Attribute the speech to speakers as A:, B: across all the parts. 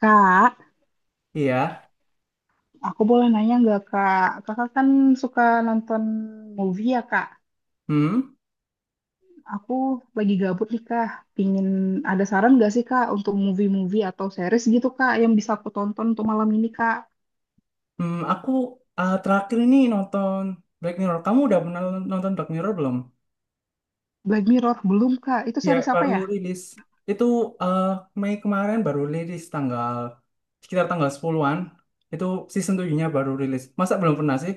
A: Kak,
B: Iya.
A: aku boleh nanya nggak Kak? Kakak kan suka nonton movie ya Kak?
B: Hmm.
A: Aku lagi gabut nih Kak. Pingin ada saran nggak sih Kak untuk movie-movie atau series gitu Kak yang bisa aku tonton untuk malam ini Kak?
B: Aku terakhir ini nonton Black Mirror. Kamu udah pernah nonton Black Mirror belum?
A: Black Mirror belum Kak. Itu
B: Ya,
A: series apa
B: baru
A: ya?
B: rilis. Itu eh, Mei kemarin baru rilis tanggal sekitar tanggal sepuluhan. Itu season 7-nya baru rilis. Masa belum pernah sih?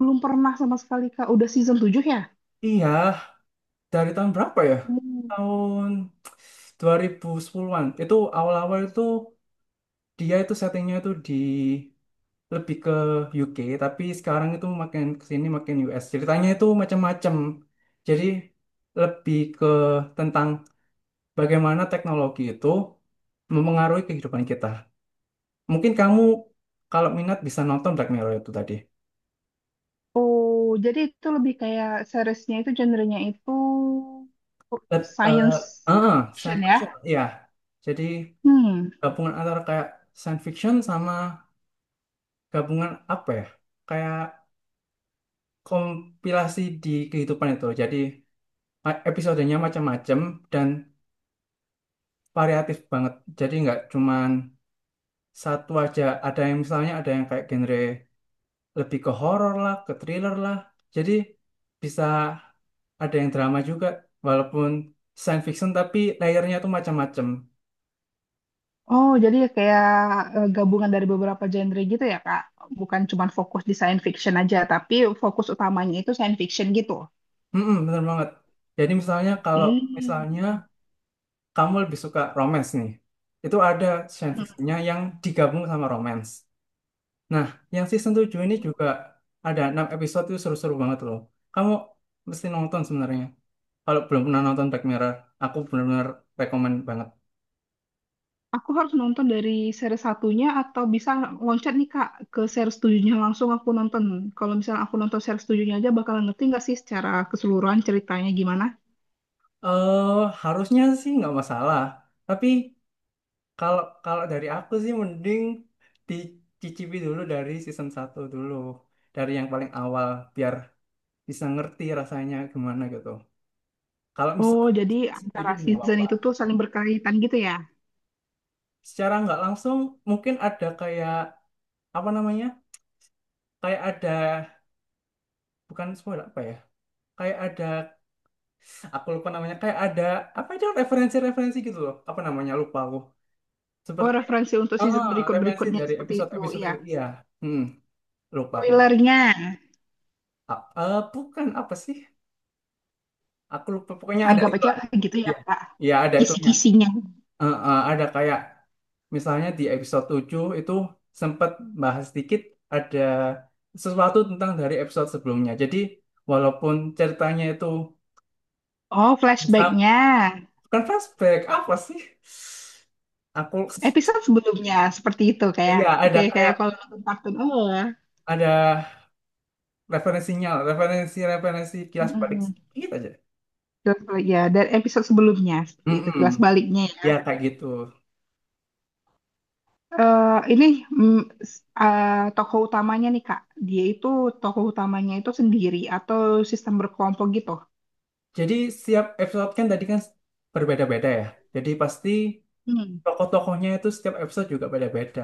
A: Belum pernah sama sekali Kak. Udah season tujuh ya?
B: Iya, dari tahun berapa ya? Tahun 2010-an. Itu awal-awal itu, dia itu settingnya itu di, lebih ke UK. Tapi sekarang itu makin kesini makin US. Ceritanya itu macam-macam, jadi lebih ke tentang bagaimana teknologi itu mempengaruhi kehidupan kita. Mungkin kamu kalau minat bisa nonton Black Mirror itu tadi.
A: Oh, jadi itu lebih kayak seriesnya itu genrenya itu
B: Eh, eh,
A: science
B: ah,
A: fiction
B: Science
A: ya?
B: fiction ya. Jadi
A: Hmm.
B: gabungan antara kayak science fiction sama gabungan apa ya, kayak kompilasi di kehidupan itu. Jadi episodenya macam-macam dan variatif banget. Jadi nggak cuman satu aja. Ada yang misalnya, ada yang kayak genre lebih ke horor lah, ke thriller lah. Jadi bisa ada yang drama juga, walaupun science fiction tapi layernya tuh macam-macam.
A: Oh, jadi kayak gabungan dari beberapa genre gitu ya, Kak? Bukan cuma fokus di science fiction aja, tapi fokus utamanya itu science fiction gitu.
B: Mm-mm, bener banget. Jadi misalnya kalau
A: Hmm.
B: misalnya kamu lebih suka romance nih, itu ada science
A: Hmm.
B: fictionnya yang digabung sama romance. Nah, yang season 7 ini juga ada 6 episode itu seru-seru banget loh. Kamu mesti nonton sebenarnya. Kalau belum pernah nonton Black Mirror, aku benar-benar rekomen banget.
A: Aku harus nonton dari series satunya atau bisa loncat nih, Kak, ke series tujuhnya langsung aku nonton. Kalau misalnya aku nonton series tujuhnya aja, bakal ngerti nggak sih secara keseluruhan ceritanya gimana?
B: Eh, Harusnya sih nggak masalah. Tapi kalau kalau dari aku sih mending dicicipi dulu dari season satu dulu. Dari yang paling awal biar bisa ngerti rasanya gimana gitu. Kalau
A: Oh,
B: misalnya
A: jadi
B: setuju
A: antara
B: juga nggak
A: season
B: apa-apa.
A: itu tuh saling berkaitan gitu ya?
B: Secara nggak langsung mungkin ada kayak apa namanya? Kayak ada, bukan spoiler apa ya? Kayak ada, aku lupa namanya, kayak ada apa itu, referensi-referensi gitu loh. Apa namanya? Lupa aku.
A: Oh,
B: Seperti
A: referensi untuk season
B: referensi
A: berikut-berikutnya
B: dari
A: seperti itu,
B: episode-episode
A: ya.
B: itu. Iya. Hmm, Lupa aku nama.
A: Spoilernya.
B: Bukan apa sih? Aku lupa, pokoknya ada
A: Anggap
B: itu
A: aja
B: lah.
A: gitu ya,
B: Iya.
A: Kak.
B: Iya, ada itunya.
A: Kisi-kisinya.
B: Ada kayak misalnya di episode 7 itu sempat bahas sedikit, ada sesuatu tentang dari episode sebelumnya. Jadi walaupun ceritanya itu,
A: Oh,
B: bukan
A: flashbacknya.
B: bukan flashback apa sih? Aku
A: Episode sebelumnya seperti itu kayak
B: iya, ada
A: kayak kayak
B: kayak
A: kalau nonton kartun oh ya.
B: ada referensinya, referensi-referensi kilas balik
A: Mm-mm.
B: sedikit aja.
A: Kilas ya dari episode sebelumnya seperti itu
B: Mm-mm.
A: kilas baliknya ya.
B: Ya kayak gitu.
A: Eh, ini mm, s- eh, tokoh utamanya nih Kak. Dia itu tokoh utamanya itu sendiri atau sistem berkelompok gitu.
B: Jadi setiap episode kan tadi kan berbeda-beda ya. Jadi pasti
A: Hmm.
B: tokoh-tokohnya itu setiap episode juga beda-beda.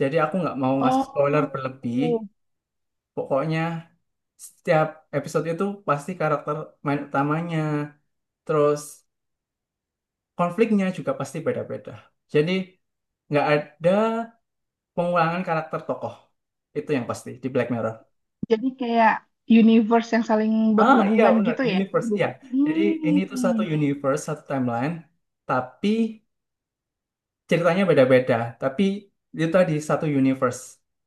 B: Jadi aku nggak mau ngasih spoiler
A: Oh,
B: berlebih. Pokoknya setiap episode itu pasti karakter main utamanya, terus konfliknya juga pasti beda-beda. Jadi nggak ada pengulangan karakter tokoh. Itu yang pasti di Black Mirror.
A: jadi kayak universe yang saling
B: Iya
A: berhubungan
B: benar,
A: gitu ya.
B: universe ya.
A: Bu-
B: Jadi ini tuh satu
A: Hmm.
B: universe, satu timeline, tapi ceritanya beda-beda, tapi itu tadi satu universe.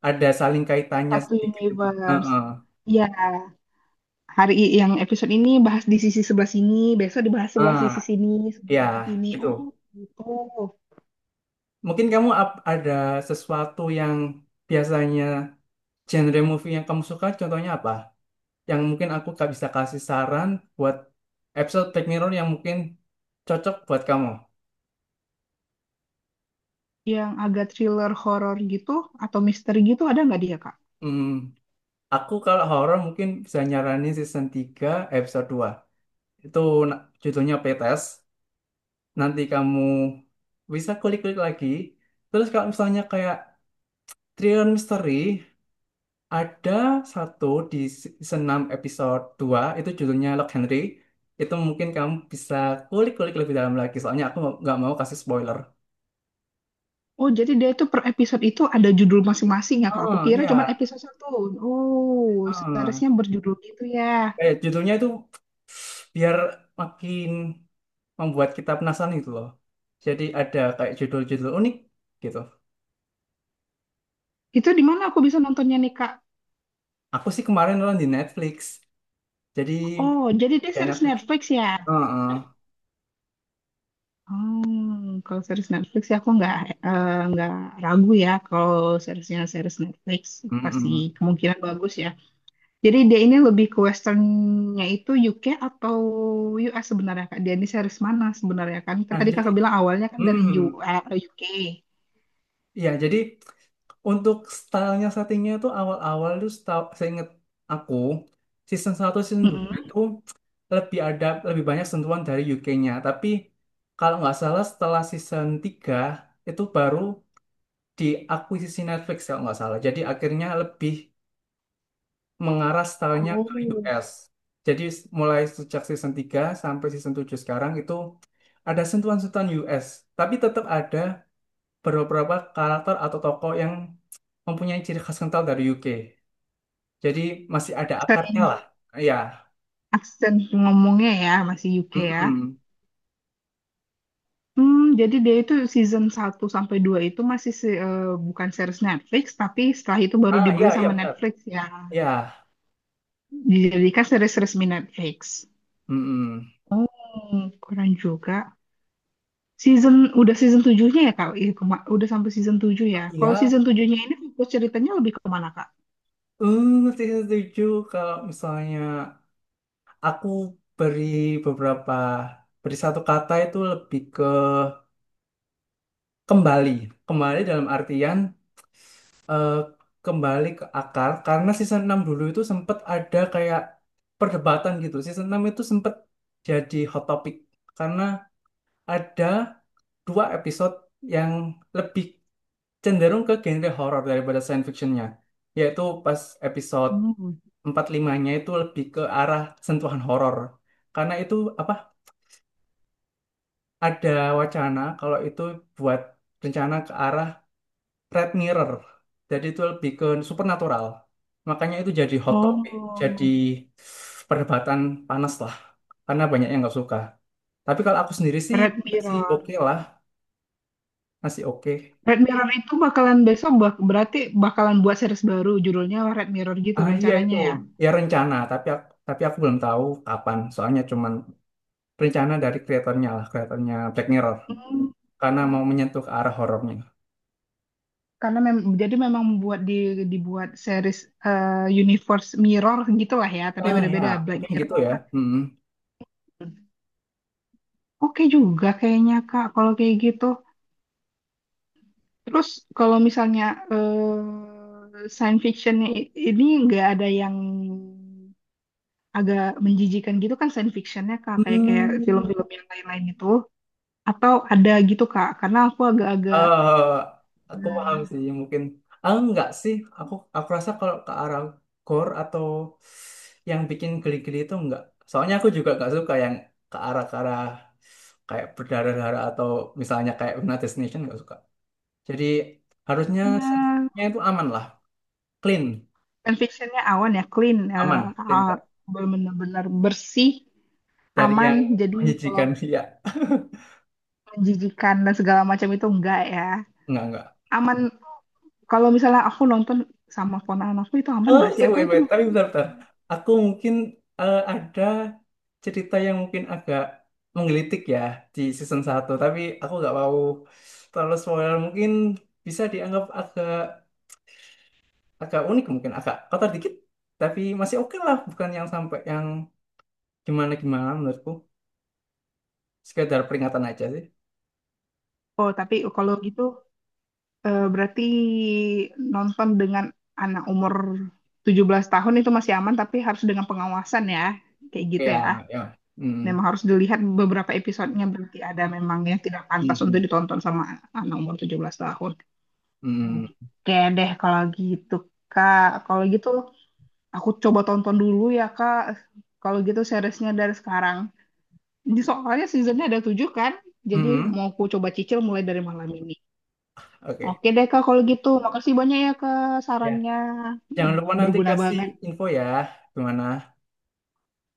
B: Ada saling kaitannya
A: Satu
B: sedikit.
A: universe.
B: Heeh.
A: Ya, yang episode ini bahas di sisi sebelah sini, besok dibahas sebelah
B: Ah,
A: sisi sini, sebelah
B: Ya,
A: sisi sini.
B: gitu.
A: Oh, gitu.
B: Mungkin kamu ada sesuatu yang biasanya genre movie yang kamu suka, contohnya apa? Yang mungkin aku gak bisa kasih saran buat episode Black Mirror yang mungkin cocok buat kamu.
A: Yang agak thriller horor gitu atau misteri gitu ada nggak dia, Kak?
B: Hmm, aku kalau horor mungkin bisa nyaranin season 3 episode 2. Itu judulnya Playtest. Nanti kamu bisa klik-klik lagi. Terus kalau misalnya kayak Triliun Misteri, ada satu di season 6 episode dua, itu judulnya Lock Henry. Itu mungkin kamu bisa kulik-kulik lebih dalam lagi, soalnya aku nggak mau kasih spoiler.
A: Oh, jadi dia itu per episode itu ada judul masing-masing ya, Kak. Aku
B: Oh
A: kira cuma
B: iya,
A: episode satu. Oh,
B: oh.
A: seriesnya berjudul gitu ya.
B: Kayak judulnya itu biar makin membuat kita penasaran gitu loh. Jadi ada kayak judul-judul unik gitu.
A: Itu di mana aku bisa nontonnya nih, Kak?
B: Aku sih kemarin nonton di Netflix, jadi
A: Oh, jadi dia
B: ya
A: series
B: Netflix.
A: Netflix ya?
B: Oh, oh.
A: Oh, kalau series Netflix ya aku nggak ragu ya kalau seriesnya series Netflix pasti
B: Mm-mm.
A: kemungkinan bagus ya. Jadi dia ini lebih ke westernnya itu UK atau US sebenarnya Kak? Dia ini series mana sebenarnya kan? Kan
B: Nah,
A: tadi
B: jadi,
A: kakak bilang awalnya kan dari
B: hmm,
A: UK.
B: ya, jadi untuk stylenya, settingnya tuh awal-awal tuh setahu saya, inget aku season satu season 2
A: Mm-mm.
B: itu lebih banyak sentuhan dari UK-nya. Tapi kalau nggak salah setelah season 3 itu baru diakuisisi Netflix kalau nggak salah. Jadi akhirnya lebih mengarah stylenya ke
A: Oh,
B: US. Jadi mulai sejak season 3 sampai season 7 sekarang itu ada sentuhan-sentuhan US, tapi tetap ada beberapa karakter atau tokoh yang mempunyai ciri khas kental dari UK. Jadi masih ada
A: aksen,
B: akarnya lah. Iya.
A: aksen ngomongnya ya masih UK ya.
B: Mm-mm.
A: Hmm, jadi dia itu season satu sampai 2 itu masih bukan series Netflix, tapi setelah itu baru
B: Iya,
A: dibeli
B: iya
A: sama
B: benar.
A: Netflix ya.
B: Iya.
A: Dijadikan series resmi Netflix.
B: Mm-mm.
A: Oh, kurang juga. Season udah season 7-nya ya Kak? Iya, udah sampai season 7 ya. Kalau
B: Iya.
A: season 7-nya ini fokus ceritanya lebih ke mana Kak?
B: Eh, saya setuju kalau misalnya aku beri beberapa beri satu kata itu lebih ke kembali. Kembali dalam artian eh, kembali ke akar, karena season 6 dulu itu sempat ada kayak perdebatan gitu. Season 6 itu sempat jadi hot topic karena ada dua episode yang lebih cenderung ke genre horor daripada science fictionnya, yaitu pas episode
A: Hmm.
B: 45-nya itu lebih ke arah sentuhan horor. Karena itu apa, ada wacana kalau itu buat rencana ke arah Red Mirror, jadi itu lebih ke supernatural. Makanya itu jadi hot topic, jadi
A: Oh,
B: perdebatan panas lah karena banyak yang nggak suka. Tapi kalau aku sendiri sih
A: Red
B: sih
A: Mirror.
B: oke lah. Masih oke.
A: Red Mirror itu bakalan besok berarti bakalan buat series baru judulnya Red Mirror gitu
B: Iya itu
A: rencananya ya.
B: ya rencana, tapi aku belum tahu kapan. Soalnya cuman rencana dari kreatornya lah, kreatornya Black Mirror.
A: Hmm.
B: Karena mau menyentuh ke arah horornya.
A: Karena jadi memang buat dibuat series universe mirror gitulah ya, tapi
B: Ya,
A: beda-beda Black
B: mungkin gitu ya.
A: Mirror.
B: Mm-mm.
A: Oke juga kayaknya Kak kalau kayak gitu. Terus kalau misalnya science fictionnya ini nggak ada yang agak menjijikan gitu kan science fictionnya Kak kayak kayak
B: Hmm,
A: film-film yang lain-lain itu atau ada gitu Kak karena aku agak-agak
B: eh, aku paham
A: nah,
B: sih mungkin. Enggak sih, aku rasa kalau ke arah gore atau yang bikin geli-geli itu enggak. Soalnya aku juga enggak suka yang ke arah kayak berdarah-darah atau misalnya kayak Final Destination, enggak suka. Jadi harusnya
A: ya,
B: seksnya itu aman lah, clean,
A: science fictionnya awan ya clean
B: aman, clean kok.
A: benar-benar bersih
B: Dari
A: aman,
B: yang
A: jadi kalau
B: menjijikan sih ya,
A: menjijikan dan segala macam itu enggak ya,
B: enggak enggak.
A: aman. Kalau misalnya aku nonton sama ponakan aku itu aman
B: Oh,
A: nggak sih?
B: sih,
A: Atau
B: wait,
A: itu
B: wait.
A: memang-
B: Tapi bentar, bentar. Aku mungkin ada cerita yang mungkin agak menggelitik ya di season satu, tapi aku nggak mau terlalu spoiler. Mungkin bisa dianggap agak agak unik, mungkin agak kotor dikit, tapi masih oke lah. Bukan yang sampai yang gimana gimana menurutku. Sekedar peringatan aja sih.
A: Oh, tapi kalau gitu berarti nonton dengan anak umur 17 tahun itu masih aman tapi harus dengan pengawasan ya. Kayak gitu ya.
B: Ya, ya. Hmm.
A: Memang harus dilihat beberapa episodenya, berarti ada memang yang tidak pantas untuk ditonton sama anak umur 17 tahun.
B: Hmm,
A: Oke deh kalau gitu Kak. Kalau gitu aku coba tonton dulu ya Kak. Kalau gitu seriesnya dari sekarang. Ini soalnya seasonnya ada tujuh kan, jadi
B: hmm,
A: mau ku coba cicil mulai dari malam ini.
B: oke.
A: Oke deh Kak kalau gitu, makasih banyak ya Kak
B: Ya,
A: sarannya. Hmm.
B: jangan lupa nanti
A: Berguna
B: kasih
A: banget.
B: info ya, gimana?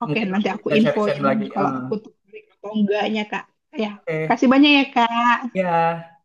A: Oke
B: Mungkin nanti
A: nanti aku
B: bisa sharing-sharing
A: infoin
B: lagi.
A: kalau aku tertarik atau enggaknya Kak. Ya,
B: Oke,
A: kasih banyak ya Kak.
B: ya.